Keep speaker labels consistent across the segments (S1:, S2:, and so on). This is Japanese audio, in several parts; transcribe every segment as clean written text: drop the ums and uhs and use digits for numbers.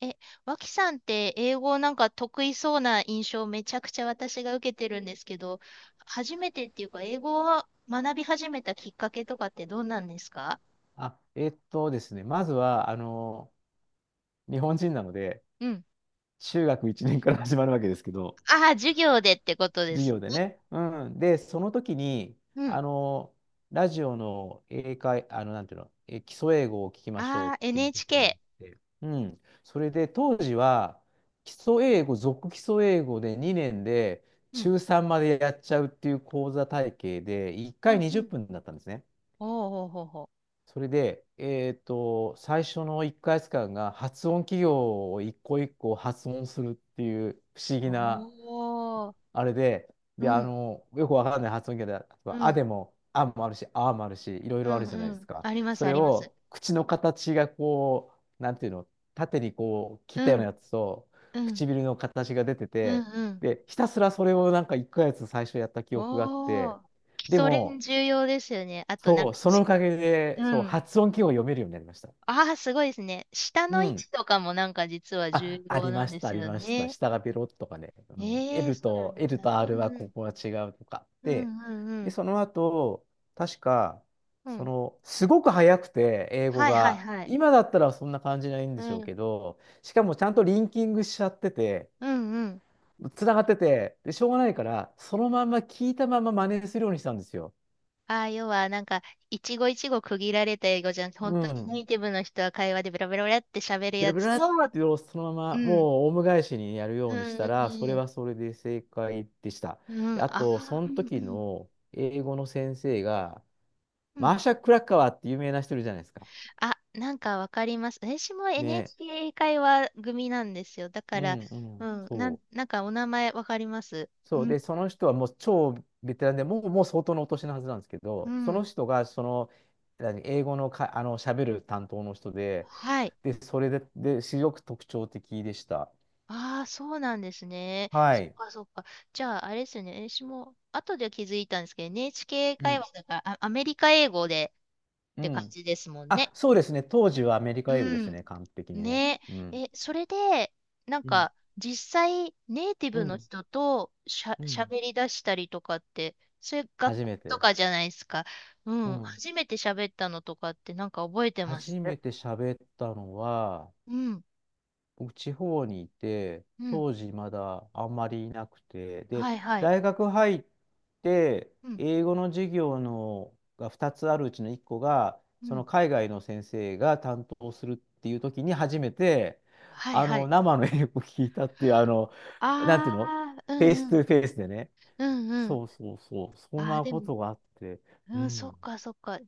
S1: え、脇さんって英語なんか得意そうな印象をめちゃくちゃ私が受けてるんですけど、初めてっていうか、英語を学び始めたきっかけとかってどうなんですか？
S2: あ、えっとですね、まずは、日本人なので、
S1: うん。
S2: 中学1年から始まるわけですけど、
S1: ああ、授業でってことで
S2: 授
S1: す
S2: 業で
S1: ね。
S2: ね。うん。で、その時に、
S1: うん。
S2: あの、ラジオのなんていうの、基礎英語を聞きましょう
S1: あ
S2: っ
S1: あ、
S2: ていうことになっ
S1: NHK。
S2: て、うん。それで、当時は、基礎英語、続基礎英語で2年で、
S1: うん。
S2: 中3までやっちゃうっていう講座体系で、1
S1: うん
S2: 回20
S1: うん。
S2: 分だったんですね。
S1: おーほうほうほ
S2: それで、最初の1ヶ月間が発音企業を一個一個発音するっていう不思
S1: う。
S2: 議な
S1: おー。
S2: あれで、
S1: うん。
S2: よくわかんない発音企業で、例え
S1: う
S2: ばあ
S1: ん。
S2: でも、あもあるし、あもあるし、いろい
S1: う
S2: ろあ
S1: ん
S2: るじゃない
S1: う
S2: です
S1: ん。
S2: か。
S1: あります、
S2: そ
S1: あ
S2: れ
S1: ります。
S2: を口の形がこう、なんていうの、縦にこう切
S1: う
S2: ったような
S1: ん。
S2: やつと、
S1: うん。
S2: 唇の形が出て
S1: うん
S2: て、
S1: うん。
S2: で、ひたすらそれをなんか1ヶ月最初やった記憶があっ
S1: お
S2: て、
S1: ー。基
S2: で
S1: 礎練
S2: も、
S1: 重要ですよね。あとなん
S2: そ
S1: か、
S2: う、そのおかげで、
S1: う
S2: そう、
S1: ん。
S2: 発音記号を読めるようになりました。
S1: ああ、すごいですね。下
S2: う
S1: の位
S2: ん。
S1: 置とかもなんか実は重
S2: あ、あ
S1: 要
S2: り
S1: な
S2: ま
S1: ん
S2: し
S1: で
S2: た、
S1: す
S2: あり
S1: よ
S2: ました。
S1: ね。
S2: 下がベロッとかね。うん、
S1: ええ、 そうなん
S2: L
S1: だ。
S2: と
S1: う
S2: R
S1: ん
S2: は
S1: う
S2: こ
S1: ん。
S2: こは違うとか。
S1: うんうんう
S2: で、
S1: ん。
S2: その後、確か、
S1: うん。
S2: すごく早くて、英語
S1: はいはい
S2: が。
S1: はい。
S2: 今だったらそんな感じないんで
S1: う
S2: しょう
S1: ん。
S2: けど、しかもちゃんとリンキングしちゃってて、
S1: うんうん。
S2: つながってて、で、しょうがないから、そのまんま聞いたまま真似するようにしたんですよ。
S1: ああ、要はなんか、一語一語区切られた英語じゃなくて、本
S2: う
S1: 当にネ
S2: ん。
S1: イティブの人は会話でベラベラベラって喋る
S2: ブラ
S1: や
S2: ブ
S1: つ
S2: ラっ
S1: を、
S2: てそのま
S1: う
S2: ま
S1: ん。
S2: もうオウム返しにやるよ
S1: う
S2: うにし
S1: ん
S2: た
S1: う
S2: ら、そ
S1: ん
S2: れ
S1: うん。
S2: はそれで正解でした。
S1: うん。
S2: で、
S1: あ
S2: あと、そ
S1: あ、う
S2: の
S1: んう
S2: 時
S1: ん。
S2: の英語の先生が、
S1: う
S2: マ
S1: ん。
S2: ーシャ・クラッカワーって有名な人いるじゃないですか。
S1: あ、なんかわかります。私も
S2: ね。
S1: NHK 英会話組なんですよ。だか
S2: う
S1: ら、
S2: んう
S1: う
S2: ん。
S1: ん、
S2: そ
S1: なんかお名前わかります。
S2: う。
S1: う
S2: そう。
S1: ん、
S2: で、その人はもう超ベテランで、もう相当のお年のはずなんですけ
S1: う
S2: ど、その
S1: ん。
S2: 人が何英語のか、喋る担当の人で、
S1: はい。
S2: で、それで、すごく特徴的でした。
S1: ああ、そうなんですね。
S2: は
S1: そっ
S2: い。
S1: かそっか。じゃあ、あれですよね。私も後で気づいたんですけど、NHK 英
S2: う
S1: 会
S2: ん。
S1: 話だから、あ、アメリカ英語でっ
S2: う
S1: て感
S2: ん。
S1: じですもん
S2: あ、
S1: ね。
S2: そうですね。当時はアメリ
S1: う
S2: カ英語です
S1: ん。
S2: ね。完璧にね。
S1: ね
S2: うん。
S1: え、それで、なん
S2: うん。
S1: か、実際、ネイティ
S2: う
S1: ブの
S2: ん。
S1: 人とし、ゃ、
S2: うん。
S1: 喋り出したりとかって、それ学
S2: 初
S1: 校
S2: め
S1: と
S2: て。
S1: かじゃないですか？う
S2: う
S1: ん、
S2: ん。
S1: 初めて喋ったのとかって、なんか覚えてま
S2: 初
S1: す？
S2: めて喋ったのは、
S1: うん、
S2: 僕、地方にいて、
S1: うん、
S2: 当時まだあんまりいなくて、で、
S1: はいはい。
S2: 大学入って、
S1: うん、
S2: 英語の授業のが2つあるうちの1個が、
S1: う
S2: そ
S1: ん、
S2: の海外の先生が担当するっていう時に初めて、
S1: はいはい。
S2: 生の英語を聞いたっていう、なんていうの
S1: ああ、う
S2: フェイ
S1: んう
S2: スト
S1: ん、
S2: ゥフェイスでね。
S1: うんうん。
S2: そうそうそう、そん
S1: ああ、
S2: な
S1: で
S2: こ
S1: も、
S2: とがあって、う
S1: うん、そっ
S2: ん。
S1: かそっか。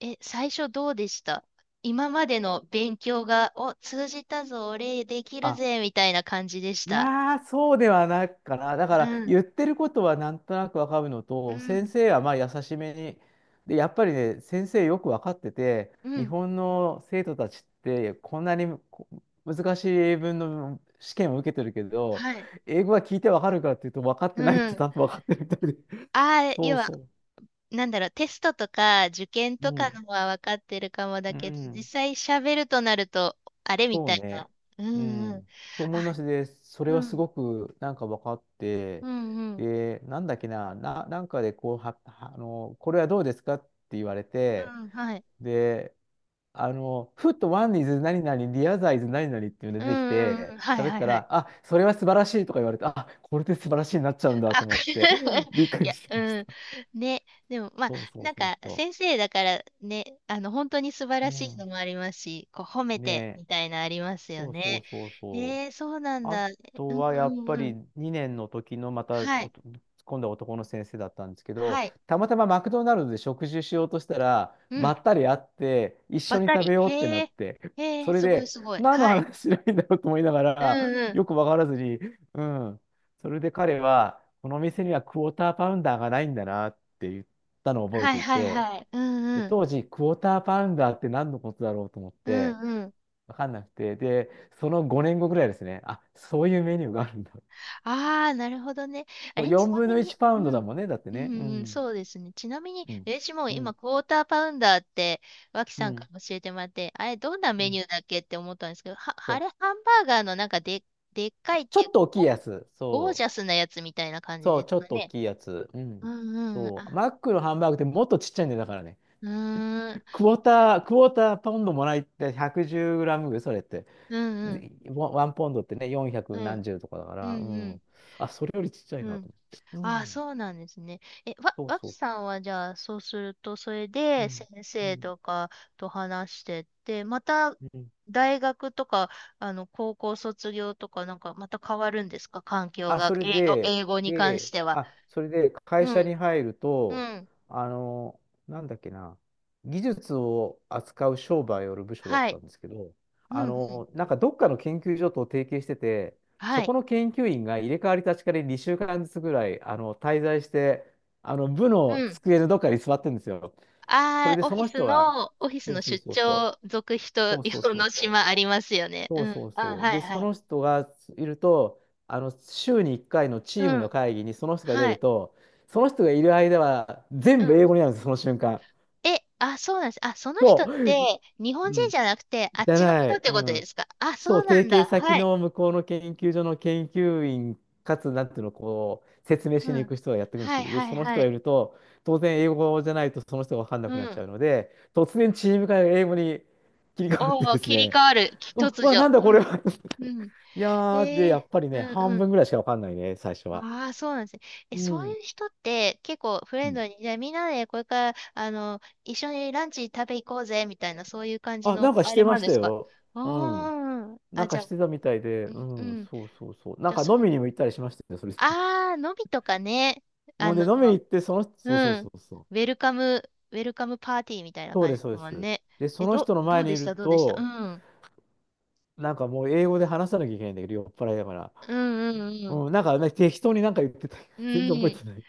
S1: え、最初どうでした？今までの勉強が、お、通じたぞ、俺できる
S2: あ、
S1: ぜ、みたいな感じでし
S2: い
S1: た？
S2: やー、そうではないかな。だか
S1: う
S2: ら、
S1: ん、
S2: 言ってることはなんとなくわかるの
S1: う
S2: と、先
S1: ん、
S2: 生はまあ優しめに、で、やっぱりね、先生よくわかってて、
S1: う
S2: 日
S1: ん。
S2: 本の生徒たちって、こんなに難しい英文の試験を受けてるけど、
S1: はい。
S2: 英語は聞いてわかるかっていうと、分かっ
S1: う
S2: てないってち
S1: ん。
S2: ゃんと分かってるみたいで。
S1: ああ、
S2: そ
S1: 要
S2: う
S1: は、
S2: そ
S1: なんだろう、テストとか受験
S2: う。
S1: と
S2: う
S1: か
S2: ん。
S1: のは分かってるかもだ
S2: う
S1: けど、実
S2: ん。
S1: 際喋るとなると、あれみ
S2: そう
S1: たい
S2: ね。
S1: な。う
S2: う
S1: んうん。
S2: ん。と思い
S1: あ、
S2: ます。で、それ
S1: う
S2: はす
S1: ん、
S2: ごくなんか分かっ
S1: う
S2: て、
S1: んうん。
S2: で、なんだっけな、なんかでこうは、はこれはどうですかって言われ
S1: う
S2: て、
S1: ん、はい。
S2: で、ふっとワンイズ何々、リアザイズ何々っていうの
S1: う
S2: が
S1: ん
S2: 出てき
S1: うんうん。
S2: て、
S1: はい
S2: 喋っ
S1: はい
S2: た
S1: はい。
S2: ら、あ、それは素晴らしいとか言われて、あ、これで素晴らしいになっちゃうんだと
S1: あ、こ
S2: 思
S1: れ
S2: って、びっく
S1: い
S2: り
S1: や、
S2: しまし
S1: う
S2: た。
S1: ん。ね。でも、まあ、
S2: そうそ
S1: な
S2: う
S1: ん
S2: そう
S1: か、
S2: そ
S1: 先生だからね、あの、本当に素晴
S2: う。う
S1: らしいの
S2: ん。
S1: もありますし、こう、褒め
S2: ね
S1: て、
S2: え。
S1: みたいなありますよ
S2: そうそ
S1: ね。
S2: うそうそう。
S1: えー、そうなん
S2: あ
S1: だ。う
S2: と
S1: ん
S2: はやっ
S1: う
S2: ぱ
S1: んう
S2: り
S1: ん。
S2: 2年の時のまた
S1: は
S2: お
S1: い。
S2: と今度は男の先生だったんですけ
S1: は
S2: ど、
S1: い。
S2: たまたまマクドナルドで食事しようとしたら、
S1: う
S2: ば
S1: ん。
S2: ったり会って、一
S1: ば
S2: 緒
S1: っ
S2: に
S1: た
S2: 食べ
S1: り。
S2: ようって
S1: へ
S2: なっ
S1: え。
S2: て、
S1: へ
S2: そ
S1: え、
S2: れ
S1: すごい
S2: で、
S1: すごい。
S2: 何の
S1: はい。
S2: 話しないんだろうと思いなが
S1: う
S2: ら、
S1: んうん。
S2: よくわからずに、うん、それで彼は、この店にはクォーターパウンダーがないんだなって言ったのを覚え
S1: はい
S2: てい
S1: はい
S2: て、
S1: はい。うん
S2: で
S1: うん。
S2: 当時、クォーターパウンダーって何のことだろうと思っ
S1: う
S2: て、
S1: んうん。
S2: わかんなくて、で、その5年後ぐらいですね、あ、そういうメニューがあるんだ。
S1: ああ、なるほどね。あ
S2: そう、
S1: れ、ち
S2: 4
S1: な
S2: 分
S1: み
S2: の1
S1: に、
S2: パ
S1: う
S2: ウンドだ
S1: ん。
S2: もんね、だって
S1: う
S2: ね。う
S1: ん、うん
S2: ん、
S1: そうですね。ちなみに、
S2: うん、
S1: 私も
S2: う
S1: 今、
S2: ん、
S1: クォーターパウンダーって、脇
S2: う
S1: さんか
S2: ん、
S1: ら教えてもらって、あれ、どんな
S2: う
S1: メ
S2: ん。
S1: ニューだっけって思ったんですけど、は、
S2: そ
S1: あ
S2: う、
S1: れ、ハンバーガーのなんかで、でっかいっ
S2: ちょ
S1: てい
S2: っ
S1: う、
S2: と大きいやつ。
S1: ゴゴー
S2: そ
S1: ジャスなやつみたいな感
S2: う、
S1: じ
S2: そ
S1: で
S2: う、
S1: す
S2: ちょっ
S1: か
S2: と大
S1: ね？
S2: きいやつ。う
S1: う
S2: ん。
S1: んうん。
S2: そう、
S1: あ、
S2: マックのハンバーグってもっとちっちゃいんだよ、だからね。
S1: うーん。
S2: クォーターパウンドもらいって110グラムぐらい、それって。
S1: うんうん。
S2: でワンワンポンドってね、
S1: う
S2: 400
S1: ん。
S2: 何十とかだか
S1: うん
S2: ら、う
S1: うん。
S2: ん。あ、それよりちっちゃい
S1: う
S2: なと
S1: ん。
S2: 思って。う
S1: ああ、
S2: ん、
S1: そうなんですね。え、わ、
S2: そう
S1: わ
S2: そ
S1: き
S2: う。
S1: さんはじゃあ、そうすると、それ
S2: う
S1: で
S2: ん、
S1: 先
S2: う
S1: 生
S2: ん、
S1: とかと話してって、また
S2: うん。
S1: 大学とか、あの、高校卒業とか、なんかまた変わるんですか、環境
S2: あ、
S1: が、
S2: それ
S1: 英語、
S2: で、
S1: 英語に関しては？
S2: それで
S1: う
S2: 会社
S1: ん、
S2: に入る
S1: う
S2: と、
S1: ん、
S2: あの、なんだっけな、技術を扱う商売をやる部署だっ
S1: は
S2: た
S1: い、
S2: んですけど、
S1: うん、うん、
S2: なんかどっかの研究所と提携してて、
S1: は
S2: そ
S1: い、
S2: この研究員が入れ替わり立ち替わり2週間ずつぐらい、滞在して、部の
S1: うん。
S2: 机のどっかに座ってるんですよ。それ
S1: あ
S2: で
S1: あ、オ
S2: そ
S1: フィ
S2: の
S1: ス
S2: 人が、
S1: の、オフィス
S2: そう
S1: の
S2: そう
S1: 出
S2: そうそう、
S1: 張続人
S2: そうそう
S1: 用
S2: そう
S1: の
S2: そ
S1: 島
S2: う。
S1: ありますよね。
S2: そう
S1: うん、
S2: そう
S1: あ、
S2: そう。
S1: はい、
S2: で、そ
S1: はい。
S2: の人がいると、週に1回のチー
S1: う
S2: ムの
S1: ん、
S2: 会議にその人が出
S1: は
S2: る
S1: い、
S2: と、その人がいる間は全
S1: う
S2: 部英
S1: ん。
S2: 語になるんです、その瞬間。
S1: え、あ、そうなんです？あ、その人っ
S2: そう。
S1: て、日本
S2: う
S1: 人
S2: ん。
S1: じゃなくて、あっ
S2: じゃ
S1: ちの
S2: な
S1: 人っ
S2: い。
S1: て
S2: う
S1: ことで
S2: ん。
S1: すか？あ、
S2: そう、
S1: そうな
S2: 提
S1: ん
S2: 携
S1: だ。
S2: 先
S1: はい。
S2: の向こうの研究所の研究員、かつ、なんていうの、こう、説明し
S1: う
S2: に行
S1: ん。
S2: く人がやってくるんです
S1: は
S2: け
S1: い、
S2: ど、で、
S1: はい、
S2: その人
S1: は
S2: がい
S1: い。
S2: ると、当然英語じゃないとその人が分かんな
S1: う
S2: くなっちゃ
S1: ん。
S2: うので、突然チーム会が英語に切り替わって
S1: お
S2: で
S1: お、
S2: す
S1: 切り
S2: ね、
S1: 替わる。き
S2: あ、
S1: 突
S2: わ、
S1: 如。
S2: なんだこ
S1: う
S2: れ
S1: ん。
S2: は。
S1: うん。
S2: いやー、で、
S1: えー、
S2: やっぱり
S1: う
S2: ね、
S1: ん、う
S2: 半分
S1: ん。
S2: ぐらいしかわかんないね、最初は。
S1: ああ、そうなんですね。え、
S2: う
S1: そう
S2: ん。
S1: いう人って結構フ
S2: う
S1: レン
S2: ん。
S1: ドに、じゃあみんなでこれから、あの、一緒にランチ食べ行こうぜ、みたいな、そういう感じ
S2: あ、な
S1: の、
S2: んかし
S1: あれ
S2: て
S1: もあ
S2: ま
S1: るん
S2: し
S1: で
S2: た
S1: すか？
S2: よ。
S1: あ
S2: うん。
S1: ー
S2: なん
S1: あ、じ
S2: か
S1: ゃ
S2: し
S1: あ、
S2: てたみたいで、
S1: う
S2: う
S1: ん、う
S2: ん、
S1: ん。
S2: そうそうそう。な
S1: じ
S2: ん
S1: ゃあ、
S2: か
S1: それ、
S2: 飲みにも行ったりしましたよ、それで。
S1: ああ、のびとかね。あ
S2: もうで、
S1: の、
S2: 飲みに行って、その人、
S1: う
S2: そうそうそ
S1: ん。
S2: うそう。
S1: ウェルカム、ウェルカムパーティーみたいな
S2: そう
S1: 感
S2: で
S1: じ
S2: す、
S1: で
S2: そう
S1: す
S2: で
S1: もん
S2: す。
S1: ね。
S2: で、そ
S1: え、
S2: の人
S1: ど、
S2: の
S1: ど
S2: 前
S1: う
S2: に
S1: で
S2: い
S1: し
S2: る
S1: たどうでしたう
S2: と、
S1: ん。
S2: なんかもう英語で話さなきゃいけないんだけど、酔っ払いだから。
S1: うんうんうん。
S2: うん、なんか、ね、適当になんか言ってた。
S1: う
S2: 全然覚え
S1: ん。
S2: てない。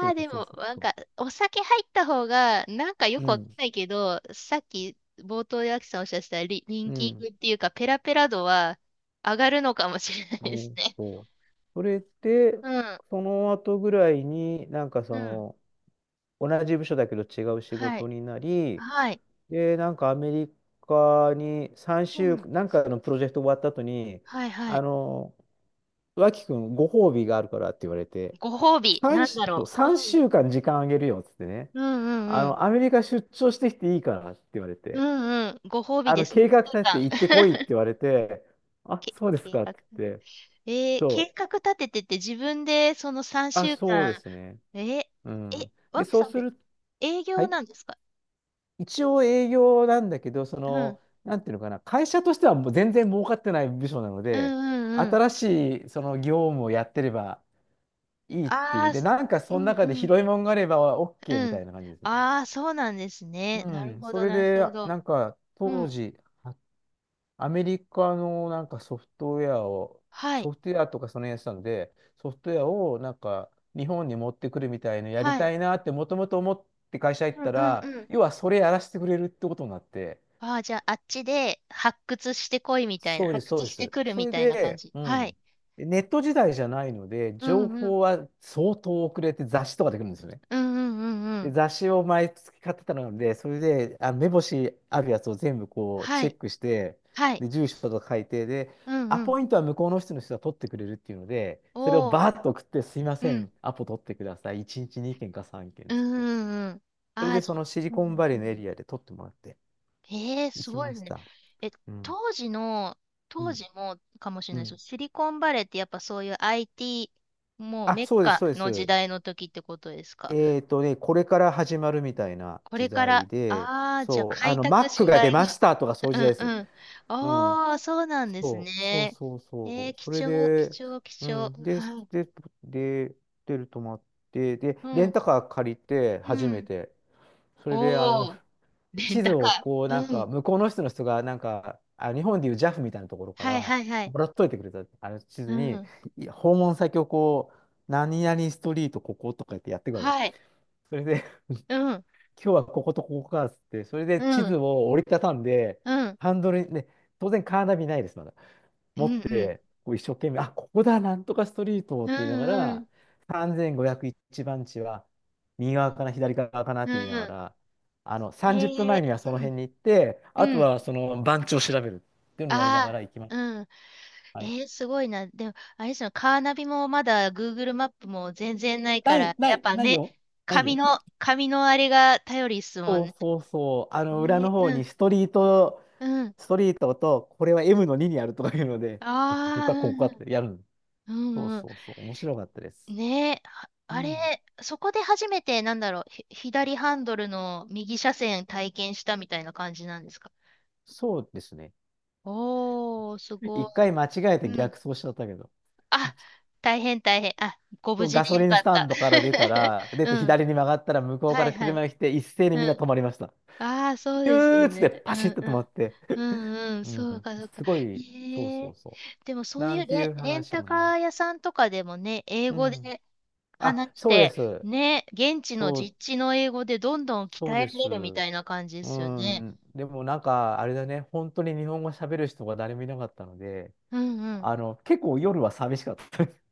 S2: そ
S1: あ、
S2: う
S1: で
S2: そう
S1: も、
S2: そう
S1: なん
S2: そう。
S1: か、お酒入った方が、なんかよ
S2: う
S1: くわかん
S2: ん、
S1: ないけど、さっき冒頭でアキさんおっしゃってたリ、リン
S2: う
S1: キン
S2: ん。
S1: グっていうか、ペラペラ度は上がるのかもしれないです
S2: お
S1: ね。
S2: そう。それで、
S1: うん。
S2: その後ぐらいに、なんか
S1: う
S2: そ
S1: ん。
S2: の、同じ部署だけど違う仕
S1: はい。
S2: 事になり、
S1: はい。
S2: で、なんかアメリカに3
S1: う
S2: 週、
S1: ん。
S2: なんかのプロジェクト終わった後に、
S1: はいは
S2: あ
S1: い。
S2: の、脇くん、ご褒美があるからって言われて、
S1: ご褒美、
S2: 3、
S1: なんだ
S2: そ
S1: ろ
S2: う
S1: う。うん。
S2: 週間時間あげるよっつってね、
S1: うんうんうん。
S2: アメリカ出張してきていいからって言われ
S1: う
S2: て、
S1: んうん。ご褒美です。一
S2: 計
S1: 週
S2: 画立てて
S1: 間
S2: 行ってこいって 言われて、あ、
S1: け
S2: そうです
S1: 計
S2: かっ
S1: 画。
S2: て言って、
S1: えー、計
S2: そう、
S1: 画立ててて自分でその3
S2: あ、
S1: 週
S2: そうですね。
S1: 間、え
S2: う
S1: ー、え、
S2: ん。で、
S1: わき
S2: そう
S1: さんっ
S2: す
S1: て
S2: る、
S1: 営
S2: は
S1: 業
S2: い。
S1: なんですか？
S2: 一応営業なんだけど、
S1: うん。
S2: なんていうのかな、会社としてはもう全然儲かってない部署なの
S1: うん
S2: で、
S1: うんうん。
S2: 新しいその業務をやってればいいってい
S1: あ
S2: う。
S1: あ、
S2: で、
S1: す、
S2: なんか
S1: う
S2: その
S1: ん
S2: 中
S1: う
S2: で
S1: ん
S2: 拾いもんがあれば OK み
S1: う
S2: た
S1: ん。
S2: いな感じですね。
S1: ああ、そうなんですね。
S2: う
S1: なる
S2: ん。
S1: ほ
S2: そ
S1: ど、
S2: れ
S1: なる
S2: で、
S1: ほど。
S2: なんか
S1: う
S2: 当
S1: ん。
S2: 時、はアメリカのなんかソフトウェアを、
S1: はい。
S2: ソフトウェアとかそのやつなんで、ソフトウェアをなんか日本に持ってくるみたいなやり
S1: はい。
S2: たいなってもともと思って会社行っ
S1: うん
S2: た
S1: うん
S2: ら、
S1: うん。
S2: 要はそれやらせてくれるってことになって、
S1: ああ、じゃあ、あっちで発掘してこいみたいな、
S2: そうです、
S1: 発
S2: そう
S1: 掘
S2: で
S1: して
S2: す。
S1: くる
S2: そ
S1: み
S2: れ
S1: たいな感
S2: で、
S1: じ。
S2: う
S1: はい。
S2: ん。ネット時代じゃないので、
S1: う
S2: 情
S1: んうん。
S2: 報は相当遅れて雑誌とかできるんですよね。
S1: うんうんうんう
S2: で
S1: ん。
S2: 雑誌を毎月買ってたので、それで、あ、目星あるやつを全部こう
S1: は
S2: チェ
S1: い。
S2: ックして、
S1: はい。
S2: で、住所とか書いて、で、
S1: うん
S2: ア
S1: うん。
S2: ポイントは向こうの人が取ってくれるっていうので、それを
S1: おー。
S2: バーッと送って、すいませ
S1: う
S2: ん、
S1: ん。
S2: アポ取ってください。1日2件か3件っ
S1: う
S2: つっ
S1: んう
S2: て。
S1: んうん。
S2: それ
S1: あ
S2: で、
S1: あ、じ
S2: そ
S1: ゃ
S2: の
S1: あ、
S2: シリ
S1: う
S2: コン
S1: ん
S2: バレ
S1: う
S2: ーのエ
S1: ん。
S2: リアで取ってもらって
S1: ええ
S2: 行
S1: す
S2: き
S1: ご
S2: ま
S1: い
S2: し
S1: ね。
S2: た。
S1: え、
S2: うん。
S1: 当時の、
S2: う
S1: 当
S2: ん。
S1: 時もかもしれ
S2: う
S1: ないですけど、
S2: ん。
S1: シリコンバレーってやっぱそういう IT、もう
S2: あ、
S1: メッ
S2: そうです、
S1: カ
S2: そうで
S1: の時
S2: す。
S1: 代の時ってことですか？
S2: ね、これから始まるみたいな
S1: これ
S2: 時
S1: か
S2: 代
S1: ら、
S2: で、
S1: ああ、じゃあ
S2: そう、あ
S1: 開
S2: の、
S1: 拓
S2: Mac
S1: し
S2: が
S1: が
S2: 出
S1: いが。
S2: ましたとかそう いう
S1: う
S2: 時代で
S1: ん
S2: す。
S1: うん。
S2: うん。
S1: ああ、そうなんです
S2: そう、そう
S1: ね。
S2: そう
S1: えー、
S2: そう。
S1: 貴
S2: それ
S1: 重、貴
S2: で、
S1: 重、貴
S2: う
S1: 重。
S2: ん。で、
S1: はい。
S2: で、で、ホるとまって、で、
S1: う
S2: レン
S1: ん。
S2: タカー借りて、
S1: う
S2: 初め
S1: ん。
S2: て。それで、あの、
S1: おお、レン
S2: 地図
S1: タ
S2: を
S1: カ
S2: こう、
S1: ー。
S2: なん
S1: う
S2: か、
S1: ん。
S2: 向こうの人が、なんか、あ、日本でいう JAF みたいなところか
S1: はい
S2: ら、
S1: はいはい。
S2: もらっといてくれた、あの地
S1: う
S2: 図に、
S1: ん。
S2: 訪問先をこう、何々ストリートこことかやってやってくわけ。
S1: はい。
S2: それで、
S1: うん。
S2: 今日はこことここかっつって、それで
S1: う
S2: 地図
S1: ん。
S2: を折りたたんで、
S1: うん。
S2: ハンドルに、ね、当然カーナビないです、まだ。
S1: う
S2: 持っ
S1: んうん。
S2: て、こう一生懸命、あ、ここだ、なんとかストリートっ
S1: う
S2: て言いなが
S1: んう
S2: ら、
S1: ん。
S2: 3501番地は右側かな、左側かなっ
S1: うん
S2: て言いな
S1: う
S2: が
S1: ん。
S2: ら、あの、30分
S1: え
S2: 前に
S1: え
S2: はその
S1: うん。
S2: 辺に行って、あと
S1: うん。
S2: はその番地を調べるっていうのをやりなが
S1: あ
S2: ら行きま
S1: あ。
S2: す。
S1: うん。
S2: はい。
S1: ええすごいな。でも、あれですよ、カーナビもまだ Google マップも全然ない
S2: な
S1: か
S2: い、
S1: ら、
S2: な
S1: やっ
S2: い、
S1: ぱ
S2: ない
S1: ね、
S2: よ。ない
S1: 紙
S2: よ。
S1: の、紙のあれが頼りっすもん
S2: そう
S1: ね。
S2: そうそう。あ
S1: え
S2: の、裏の
S1: え
S2: 方
S1: うん。
S2: にストリート、
S1: うん。
S2: ストリートと、これは M の2にあるとかいうので、ここ
S1: あ
S2: か、ここかっ
S1: あ、
S2: てやるの。
S1: うん
S2: そう
S1: うん。うんうん。
S2: そうそう。面白かったです。
S1: ねえ、あ
S2: う
S1: あれ、
S2: ん。
S1: そこで初めて、なんだろう、ひ左ハンドルの右車線体験したみたいな感じなんですか？
S2: そうですね。
S1: おー、すごい。
S2: 一回間違えて
S1: うん。
S2: 逆走しちゃったけど。
S1: あ、大変大変。あ、ご
S2: そ
S1: 無
S2: う
S1: 事
S2: ガ
S1: で
S2: ソ
S1: よ
S2: リン
S1: か
S2: ス
S1: っ
S2: タ
S1: た。
S2: ンドから出た ら、出
S1: う
S2: て
S1: ん。
S2: 左に曲がったら向こうか
S1: はい
S2: ら
S1: は
S2: 車
S1: い。
S2: が来て一斉に
S1: う
S2: みんな
S1: ん。
S2: 止まりました。
S1: ああ、そう
S2: ピ
S1: ですよ
S2: ューっつって
S1: ね。う
S2: パシッ
S1: ん
S2: と
S1: う
S2: 止ま
S1: ん。
S2: って。
S1: うんうん。
S2: う
S1: そう
S2: ん。
S1: かそうか。
S2: すごい、そう
S1: え
S2: そ
S1: え。
S2: うそ
S1: でも
S2: う。
S1: そう
S2: な
S1: い
S2: ん
S1: う
S2: てい
S1: レ、
S2: う
S1: レン
S2: 話
S1: タ
S2: もね。
S1: カー屋さんとかでもね、英
S2: う
S1: 語
S2: ん。
S1: で
S2: あ、
S1: 話し
S2: そうで
S1: て、
S2: す。
S1: ね、現地の
S2: そう、
S1: 実地の英語でどんどん鍛
S2: そう
S1: え
S2: で
S1: ら
S2: す。
S1: れるみたいな感じで
S2: う
S1: すよね。
S2: ん。でもなんか、あれだね。本当に日本語喋る人が誰もいなかったので、
S1: うんうん。
S2: あの、結構夜は寂しかっ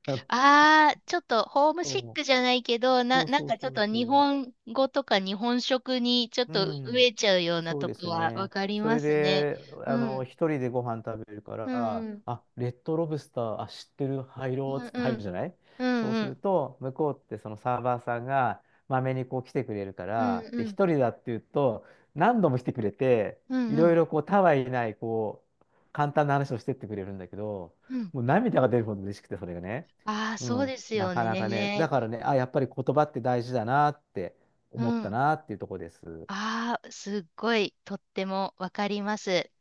S2: た。あ
S1: ああ、ちょっとホームシッ
S2: の
S1: クじゃないけど、な、
S2: そう
S1: なん
S2: そう
S1: かちょ
S2: そ
S1: っ
S2: う
S1: と
S2: そう
S1: 日
S2: そう。
S1: 本語とか日本食にちょっ
S2: う
S1: と
S2: ん。
S1: 飢えちゃうような
S2: そう
S1: と
S2: で
S1: こ
S2: す
S1: はわ
S2: ね。
S1: かり
S2: そ
S1: ま
S2: れ
S1: すね。
S2: で、
S1: う
S2: あの、
S1: ん。
S2: 一人でご飯食べるか
S1: うん
S2: ら、
S1: うん。
S2: あ、レッドロブスター、あ、知ってる、入ろう
S1: うん
S2: っつって
S1: う
S2: 入る
S1: ん。
S2: じゃない。
S1: う
S2: そ
S1: ん
S2: う
S1: う
S2: する
S1: ん。
S2: と、向こうってそのサーバーさんが、まめにこう来てくれるか
S1: うん
S2: ら、で、
S1: うん。
S2: 一人だっていうと、何度も来てくれて、
S1: うん
S2: い
S1: う
S2: ろい
S1: ん。
S2: ろこう、たわいない、こう、簡単な話をしてってくれるんだけど、
S1: うん。
S2: もう涙が出るほど嬉しくて、それがね。
S1: ああ、
S2: う
S1: そう
S2: ん、
S1: です
S2: な
S1: よ
S2: かなかね、
S1: ね。
S2: だからね、あ、やっぱり言葉って大事だなって
S1: う
S2: 思った
S1: ん。
S2: なっていうところです。
S1: ああ、すっごいとってもわかります。